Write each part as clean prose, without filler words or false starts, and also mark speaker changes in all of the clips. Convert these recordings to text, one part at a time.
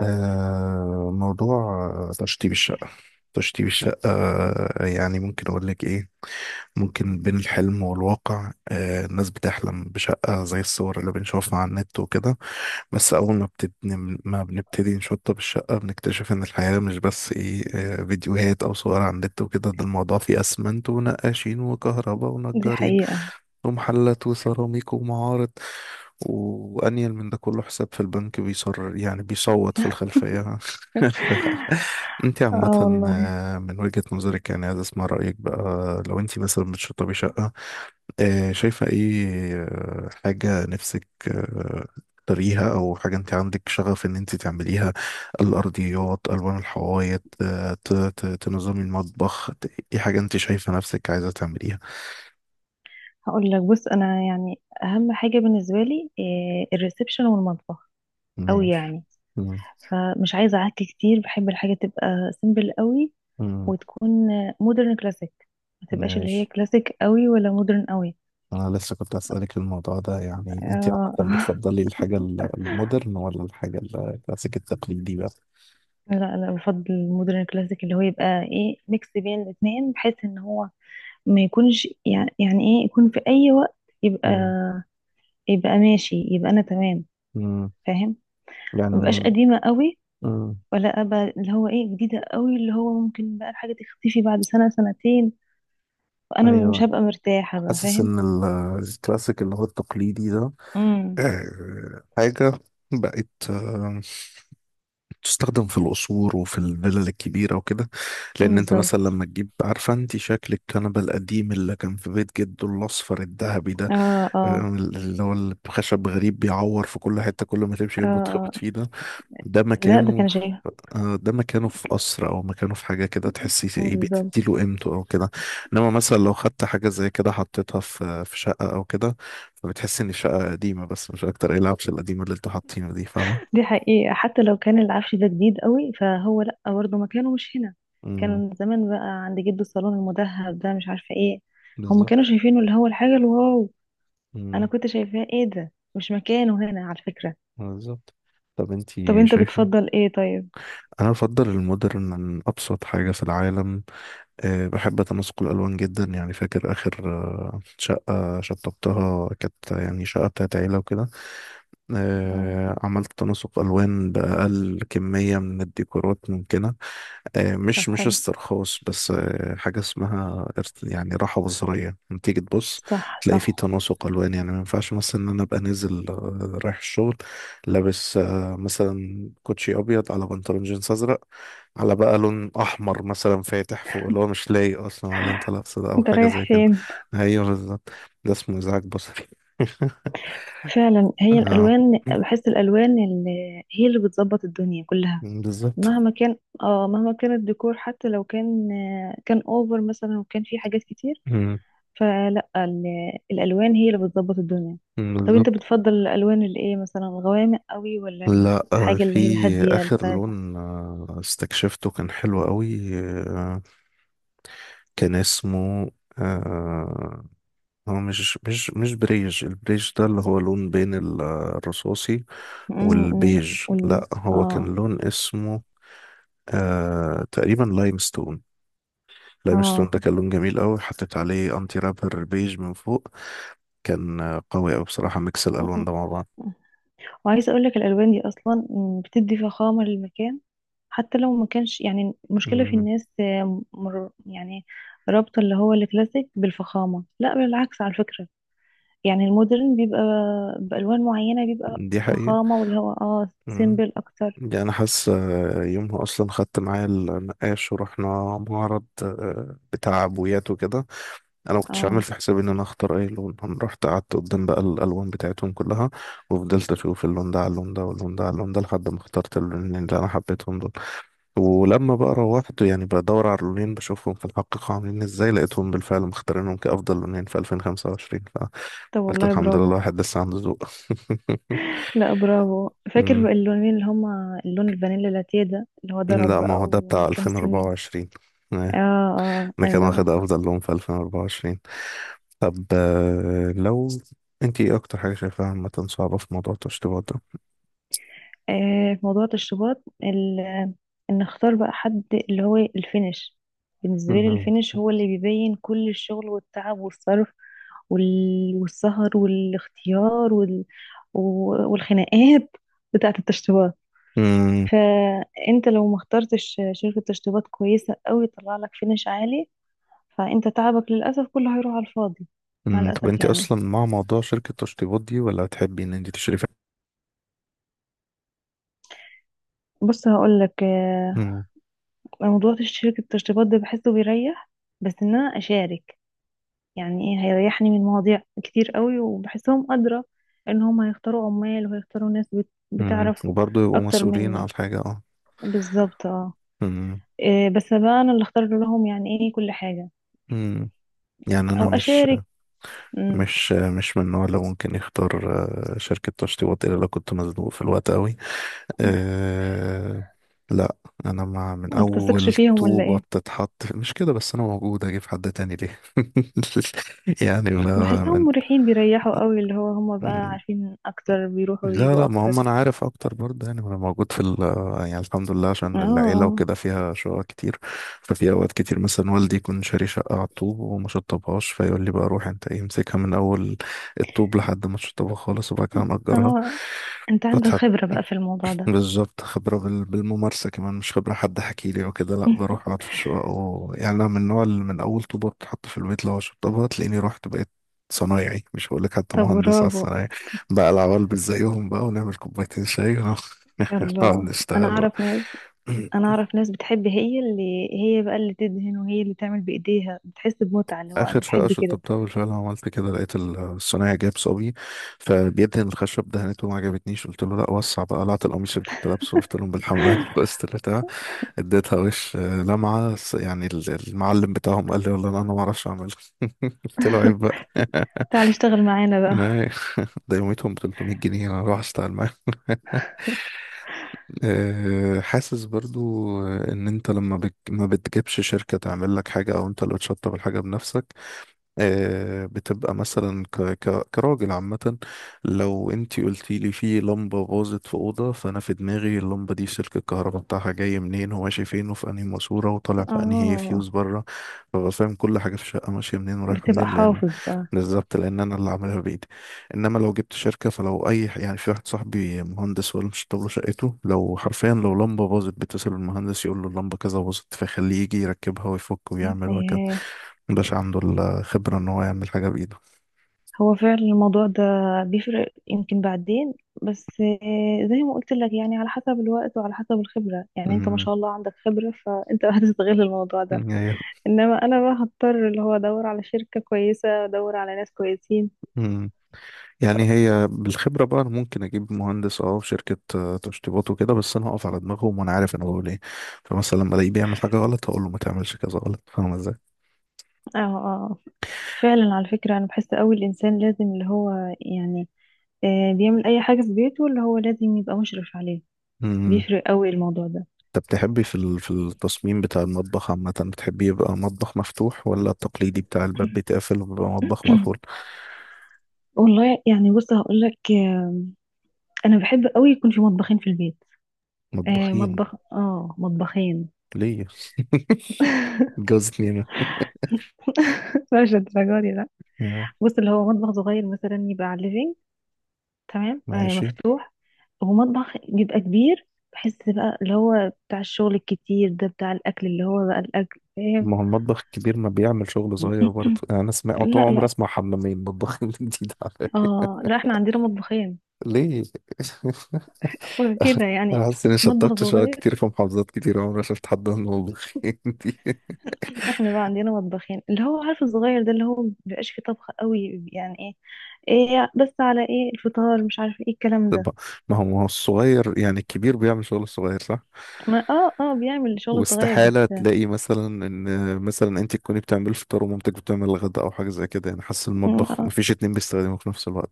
Speaker 1: موضوع تشطيب الشقة. تشطيب الشقة، يعني ممكن أقول لك إيه. ممكن بين الحلم والواقع، الناس بتحلم بشقة زي الصور اللي بنشوفها على النت وكده. بس أول ما بتبني، ما بنبتدي نشطب الشقة، بنكتشف إن الحياة مش بس إيه آه فيديوهات أو صور على النت وكده. ده الموضوع فيه أسمنت ونقاشين وكهرباء ونجارين ومحلات وسيراميك ومعارض، وأنيل من ده كله حساب في البنك بيصر، يعني بيصوت في الخلفية. انت
Speaker 2: اه
Speaker 1: عامة،
Speaker 2: والله.
Speaker 1: من وجهة نظرك، يعني عايز اسمع رأيك بقى، لو انت مثلا بتشطبي شقة، شايفة ايه؟ حاجة نفسك تريها، او حاجة انت عندك شغف ان انت تعمليها؟ الارضيات، الوان الحوايط، تنظمي المطبخ، ايه حاجة انت شايفة نفسك عايزة تعمليها؟
Speaker 2: هقول لك، بص، انا يعني اهم حاجه بالنسبه لي الريسبشن والمطبخ قوي
Speaker 1: ماشي.
Speaker 2: يعني.
Speaker 1: مم.
Speaker 2: فمش عايزه عك كتير، بحب الحاجه تبقى سيمبل قوي،
Speaker 1: مم.
Speaker 2: وتكون مودرن كلاسيك، ما تبقاش اللي هي
Speaker 1: ماشي.
Speaker 2: كلاسيك قوي ولا مودرن قوي.
Speaker 1: انا لسه كنت اسالك الموضوع ده، يعني انت
Speaker 2: آه
Speaker 1: عامه بتفضلي الحاجه المودرن ولا الحاجه الكلاسيك التقليدي بقى؟
Speaker 2: لا لا، بفضل المودرن كلاسيك اللي هو يبقى ميكس بين الاثنين، بحيث ان هو ما يكونش يعني يكون في اي وقت يبقى
Speaker 1: امم
Speaker 2: يبقى ماشي، يبقى انا تمام.
Speaker 1: امم
Speaker 2: فاهم. ما بقاش
Speaker 1: يعني
Speaker 2: قديمه قوي،
Speaker 1: امم
Speaker 2: ولا ابقى اللي هو جديده قوي اللي هو ممكن بقى الحاجه تختفي بعد سنه سنتين، وانا مش
Speaker 1: ايوه.
Speaker 2: هبقى مرتاحه بقى.
Speaker 1: حاسس
Speaker 2: فاهم.
Speaker 1: ان الكلاسيك اللي هو التقليدي ده
Speaker 2: امم.
Speaker 1: حاجه بقت تستخدم في القصور وفي الفلل الكبيره وكده، لان انت مثلا
Speaker 2: بالظبط.
Speaker 1: لما تجيب، عارفه انت شكل الكنبه القديم اللي كان في بيت جده، الاصفر الذهبي ده
Speaker 2: اه، اه،
Speaker 1: اللي هو الخشب غريب بيعور في كل حتة، كل ما تمشي جنبه
Speaker 2: اه.
Speaker 1: تخبط فيه ده. ده
Speaker 2: لا، ده
Speaker 1: مكانه
Speaker 2: كان
Speaker 1: في،
Speaker 2: شيء.
Speaker 1: ده مكانه في قصر، أو مكانه في حاجة كده تحسي إيه
Speaker 2: بالظبط.
Speaker 1: بتديله قيمته أو كده. إنما مثلا لو خدت حاجة زي كده حطيتها في شقة أو كده، فبتحسي إن الشقة قديمة، بس مش أكتر، إيه العفش القديمة اللي أنتوا حاطينه دي فاهمة؟
Speaker 2: دي حقيقه، حتى لو كان العفش ده جديد قوي فهو لا، برضه مكانه مش هنا.
Speaker 1: امم
Speaker 2: كان زمان بقى عند جده الصالون المذهب ده، مش عارفه ايه. هم كانوا
Speaker 1: بالظبط.
Speaker 2: شايفينه اللي هو الحاجه الواو. انا
Speaker 1: امم
Speaker 2: كنت شايفاه ده مش مكانه هنا، على فكره.
Speaker 1: بالظبط. طب
Speaker 2: طب
Speaker 1: أنتي
Speaker 2: انت
Speaker 1: شايفة؟
Speaker 2: بتفضل ايه طيب؟
Speaker 1: أنا أفضل المودرن من أبسط حاجة في العالم. بحب تناسق الألوان جدا. يعني فاكر آخر شقة شطبتها، كانت يعني شقة بتاعت عيلة وكده،
Speaker 2: اه.
Speaker 1: عملت تناسق ألوان بأقل كمية من الديكورات ممكنة.
Speaker 2: طب
Speaker 1: مش
Speaker 2: حلو.
Speaker 1: استرخاص، بس حاجة اسمها يعني راحة بصرية لما تيجي تبص
Speaker 2: صح،
Speaker 1: تلاقي فيه
Speaker 2: صح.
Speaker 1: تناسق ألوان. يعني ما ينفعش مثلا إن أنا أبقى نازل رايح الشغل، لابس مثلا كوتشي أبيض على بنطلون جينز أزرق، على بقى لون احمر مثلا فاتح فوق، اللي هو مش لايق اصلا على اللي انت لابسه ده او
Speaker 2: انت
Speaker 1: حاجه
Speaker 2: رايح
Speaker 1: زي كده.
Speaker 2: فين؟
Speaker 1: ايوه بالظبط. ده اسمه ازعاج بصري.
Speaker 2: فعلا، هي
Speaker 1: آه،
Speaker 2: الالوان، بحس الالوان اللي هي اللي بتظبط الدنيا كلها.
Speaker 1: بالظبط.
Speaker 2: مهما كان. اه، مهما كان الديكور، حتى لو كان كان اوفر مثلا، وكان فيه حاجات كتير.
Speaker 1: مم،
Speaker 2: فلا، الالوان هي اللي بتظبط الدنيا. طب انت
Speaker 1: بالظبط.
Speaker 2: بتفضل الالوان اللي مثلا الغوامق قوي، ولا
Speaker 1: لا،
Speaker 2: الحاجه
Speaker 1: في
Speaker 2: اللي هي الهاديه
Speaker 1: اخر
Speaker 2: الفاتحه؟
Speaker 1: لون استكشفته كان حلو قوي. آه، كان اسمه آه، هو مش بريج. البريج ده اللي هو لون بين الرصاصي
Speaker 2: امم.
Speaker 1: والبيج.
Speaker 2: قولي.
Speaker 1: لا، هو كان
Speaker 2: اه،
Speaker 1: لون اسمه تقريبا لايمستون. لايم ستون
Speaker 2: اه.
Speaker 1: ده كان لون جميل قوي، حطيت عليه انتي رابر بيج من فوق. كان قوي قوي بصراحة ميكس
Speaker 2: م- م.
Speaker 1: الالوان ده مع بعض.
Speaker 2: وعايزه اقول لك الالوان دي اصلا بتدي فخامه للمكان، حتى لو ما كانش يعني. المشكلة في
Speaker 1: مم.
Speaker 2: الناس مر يعني رابطة اللي هو الكلاسيك بالفخامة. لا، بالعكس على فكرة. يعني المودرن بيبقى بألوان معينة بيبقى
Speaker 1: دي حقيقة.
Speaker 2: فخامة، واللي هو
Speaker 1: مم.
Speaker 2: سيمبل أكتر.
Speaker 1: دي انا حاسس. يومها اصلا خدت معايا النقاش ورحنا معرض بتاع عبويات وكده. انا ما كنتش عامل
Speaker 2: اه.
Speaker 1: في حسابي ان انا اختار اي لون. انا رحت قعدت قدام بقى الالوان بتاعتهم كلها، وفضلت اشوف اللون ده على اللون ده، واللون ده على اللون ده، لحد ما اخترت اللونين اللي انا حبيتهم دول. ولما بقى روحت يعني بدور على اللونين، بشوفهم في الحقيقة عاملين ازاي، لقيتهم بالفعل مختارينهم كأفضل لونين في 2025،
Speaker 2: طب
Speaker 1: فقلت
Speaker 2: والله
Speaker 1: الحمد لله،
Speaker 2: برافو.
Speaker 1: الواحد لسه عنده ذوق.
Speaker 2: لا، برافو. فاكر
Speaker 1: أمم.
Speaker 2: بقى اللونين اللي هما اللون الفانيلا لاتيه ده اللي هو ضرب
Speaker 1: لا، ما هو
Speaker 2: بقى
Speaker 1: ده
Speaker 2: ومن
Speaker 1: بتاع
Speaker 2: كام سنين.
Speaker 1: 2024. إيه،
Speaker 2: اه،
Speaker 1: ده كان واخد
Speaker 2: اه.
Speaker 1: أفضل لون في 2024. طب، لو انت، ايه أكتر حاجة شايفاها عامة صعبة في موضوع التشطيبات ده؟
Speaker 2: في موضوع التشطيبات ان اختار بقى حد اللي هو الفينش. بالنسبه لي
Speaker 1: أمم.
Speaker 2: الفينش هو اللي بيبين كل الشغل والتعب والصرف والسهر والاختيار والخناقات بتاعه التشطيبات.
Speaker 1: أمم.
Speaker 2: فانت لو ما اخترتش شركه تشطيبات كويسه قوي تطلع لك فينش عالي، فانت تعبك للاسف كله هيروح على الفاضي. مع
Speaker 1: طب
Speaker 2: الاسف
Speaker 1: انت
Speaker 2: يعني.
Speaker 1: أصلا مع موضوع شركة التشطيبات دي، ولا تحبي ان انت تشرفي؟
Speaker 2: بص هقول لك
Speaker 1: أمم.
Speaker 2: موضوع شركه التشطيبات ده بحسه بيريح، بس ان انا اشارك يعني ايه هيريحني من مواضيع كتير قوي، وبحسهم أدرى ان هم هيختاروا عمال وهيختاروا ناس بتعرف
Speaker 1: وبرضه يبقوا
Speaker 2: اكتر
Speaker 1: مسؤولين على
Speaker 2: مني.
Speaker 1: الحاجة.
Speaker 2: بالظبط، اه.
Speaker 1: مم.
Speaker 2: إيه، بس بقى انا اللي اختار لهم يعني ايه كل حاجة،
Speaker 1: مم. يعني انا
Speaker 2: او
Speaker 1: مش
Speaker 2: اشارك. امم.
Speaker 1: مش مش من النوع اللي ممكن يختار شركة تشطيبات الا لو كنت مزنوق في الوقت قوي. أه لا، انا مع من
Speaker 2: ما بتثقش
Speaker 1: اول
Speaker 2: فيهم ولا
Speaker 1: طوبة
Speaker 2: ايه؟
Speaker 1: بتتحط، مش كده بس، انا موجود، اجيب حد تاني ليه؟ يعني ما.
Speaker 2: بحسهم مريحين، بيريحوا قوي، اللي هو هم بقى
Speaker 1: من،
Speaker 2: عارفين اكتر، بيروحوا
Speaker 1: لا
Speaker 2: ويجوا
Speaker 1: لا، ما هم
Speaker 2: اكتر.
Speaker 1: انا عارف اكتر برضه، يعني انا موجود في ال، يعني الحمد لله
Speaker 2: اه،
Speaker 1: عشان العيله
Speaker 2: اه،
Speaker 1: وكده فيها شقق كتير. ففي اوقات كتير مثلا والدي يكون شاري شقه على الطوب وما شطبهاش، فيقول لي بقى روح انت، ايه، امسكها من اول الطوب لحد ما تشطبها خالص، وبعد كده مأجرها.
Speaker 2: اه. انت عندك
Speaker 1: فتحت
Speaker 2: خبرة بقى في الموضوع ده.
Speaker 1: بالظبط، خبرة بالممارسة كمان، مش خبرة حد حكي لي وكده. لا، بروح اقعد في الشقق و... يعني انا من النوع اللي من اول طوبة بتتحط في البيت لو شطبها، تلاقيني رحت بقيت صنايعي، مش هقول لك حتى
Speaker 2: طب
Speaker 1: مهندس، على
Speaker 2: برافو.
Speaker 1: الصنايعي بقى، العوال مش زيهم بقى، ونعمل كوبايتين شاي ونقعد
Speaker 2: يلا. انا
Speaker 1: نشتغل بقى.
Speaker 2: اعرف ناس. انا اعرف ناس بتحب هي اللي هي بقى اللي تدهن وهي اللي تعمل بايديها، بتحس بمتعة اللي هو انا
Speaker 1: اخر شقة
Speaker 2: بحب كده.
Speaker 1: شطبتها بالفعل عملت كده، لقيت الصنايعي جاب صبي فبيدهن الخشب، دهنته ما عجبتنيش، قلت له لا وسع بقى، قلعت القميص اللي كنت لابسه، قلت لهم بالحمام، بس طلعت اديتها وش لمعة. يعني المعلم بتاعهم قال لي والله انا ما اعرفش اعملها. قلت له عيب بقى.
Speaker 2: تعال اشتغل معانا بقى.
Speaker 1: ما- ده يوميتهم ب 300 جنيه، انا اروح اشتغل معاهم؟ حاسس برضو ان انت لما بت... ما بتجيبش شركة تعمل لك حاجة، او انت اللي بتشطب الحاجة بنفسك، بتبقى مثلا كراجل عامة. لو انتي قلتي لي في لمبة باظت في أوضة، فأنا في دماغي اللمبة دي سلك الكهرباء بتاعها جاي منين، هو ماشي فين، وفي أنهي ماسورة، وطالع في أنهي
Speaker 2: اه.
Speaker 1: فيوز بره. فببقى فاهم كل حاجة في الشقة ماشية منين ورايحة
Speaker 2: بتبقى
Speaker 1: منين، لأن
Speaker 2: حافظ بقى.
Speaker 1: بالظبط، لأن أنا اللي عاملها بإيدي. إنما لو جبت شركة، فلو أي، يعني في واحد صاحبي مهندس ولا مش له شقته، لو حرفيا لو لمبة باظت، بيتصل بالمهندس يقول له اللمبة كذا باظت، فيخليه يجي يركبها ويفك ويعمل وهكذا.
Speaker 2: إيه،
Speaker 1: مبقاش عنده الخبرة إن هو يعمل حاجة بإيده.
Speaker 2: هو فعلا الموضوع ده بيفرق يمكن بعدين، بس زي ما قلت لك يعني، على حسب الوقت وعلى حسب الخبرة، يعني انت ما
Speaker 1: مم.
Speaker 2: شاء الله عندك خبرة فانت هتستغل الموضوع ده.
Speaker 1: هي
Speaker 2: انما انا بقى هضطر اللي هو ادور على شركة كويسة، ادور على ناس كويسين.
Speaker 1: مم. يعني هي بالخبرة بقى، أنا ممكن أجيب مهندس، أه، في شركة تشطيبات وكده، بس أنا هقف على دماغهم، وأنا عارف أنا بقول إيه. فمثلا لما ألاقيه بيعمل حاجة غلط، هقول له ما تعملش كذا غلط. فاهم إزاي؟
Speaker 2: اه، اه. آه. فعلا على فكرة أنا بحس أوي الإنسان لازم اللي هو يعني بيعمل أي حاجة في بيته اللي هو لازم يبقى مشرف عليه.
Speaker 1: مم.
Speaker 2: بيفرق أوي الموضوع ده.
Speaker 1: أنت بتحبي في في التصميم بتاع المطبخ عامة، بتحبي يبقى مطبخ مفتوح ولا التقليدي بتاع الباب بيتقفل وبيبقى مطبخ مقفول؟
Speaker 2: والله يعني، بص هقول لك أنا بحب أوي يكون في مطبخين في البيت.
Speaker 1: مطبخين؟
Speaker 2: مطبخ، مطبخين.
Speaker 1: ليه؟ اتجوزت ليه أنا؟
Speaker 2: مش الدرجة دي، لا.
Speaker 1: آه،
Speaker 2: بص، اللي هو مطبخ صغير مثلا يبقى على الليفينج، تمام،
Speaker 1: ماشي.
Speaker 2: مفتوح. ومطبخ بيبقى كبير. بحس بقى اللي هو بتاع الشغل الكتير ده، بتاع الأكل، اللي هو بقى الأكل، فاهم.
Speaker 1: ما هو المطبخ الكبير ما بيعمل شغل صغير برضه؟ يعني انا اسمع طول
Speaker 2: لا،
Speaker 1: عمري،
Speaker 2: لا.
Speaker 1: اسمع حمامين، مطبخين جديد على
Speaker 2: اه، لا احنا عندنا مطبخين.
Speaker 1: ليه.
Speaker 2: وكده
Speaker 1: انا
Speaker 2: يعني.
Speaker 1: حاسس اني
Speaker 2: مطبخ
Speaker 1: شطبت شوية
Speaker 2: صغير.
Speaker 1: كتير في محافظات كتير، عمري ما شفت حد من المطبخين دي.
Speaker 2: احنا بقى عندنا مطبخين، اللي هو عارف الصغير ده اللي هو مبيبقاش فيه طبخ قوي، يعني ايه. ايه بس على ايه الفطار مش عارف ايه الكلام ده.
Speaker 1: طب ما هو، ما هو الصغير يعني الكبير بيعمل شغل الصغير، صح؟
Speaker 2: ما بيعمل شغل صغير بس.
Speaker 1: واستحالة تلاقي مثلا ان، مثلا انت تكوني بتعملي الفطار ومامتك بتعمل الغداء او حاجة زي كده. يعني حاسس
Speaker 2: م-
Speaker 1: المطبخ
Speaker 2: آه
Speaker 1: مفيش اتنين بيستخدموا في نفس الوقت.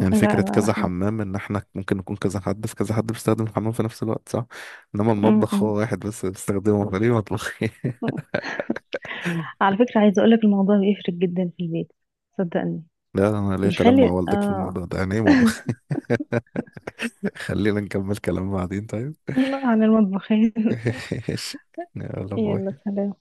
Speaker 1: يعني
Speaker 2: لا،
Speaker 1: فكرة
Speaker 2: لا
Speaker 1: كذا
Speaker 2: احنا.
Speaker 1: حمام إن إحنا ممكن نكون كذا حد، في كذا حد بيستخدم الحمام في نفس الوقت، صح؟ إنما
Speaker 2: م-
Speaker 1: المطبخ
Speaker 2: م.
Speaker 1: هو واحد بس بيستخدمه، فليه مطبخ؟
Speaker 2: على فكرة عايزة اقولك الموضوع بيفرق جدا في البيت. صدقني.
Speaker 1: لا أنا ليا كلام مع
Speaker 2: بيخلي
Speaker 1: والدك في الموضوع ده، يعني إيه مطبخ؟ خلينا نكمل كلام بعدين طيب.
Speaker 2: عن المطبخين.
Speaker 1: ماشي، يلا
Speaker 2: يلا
Speaker 1: باي.
Speaker 2: سلام.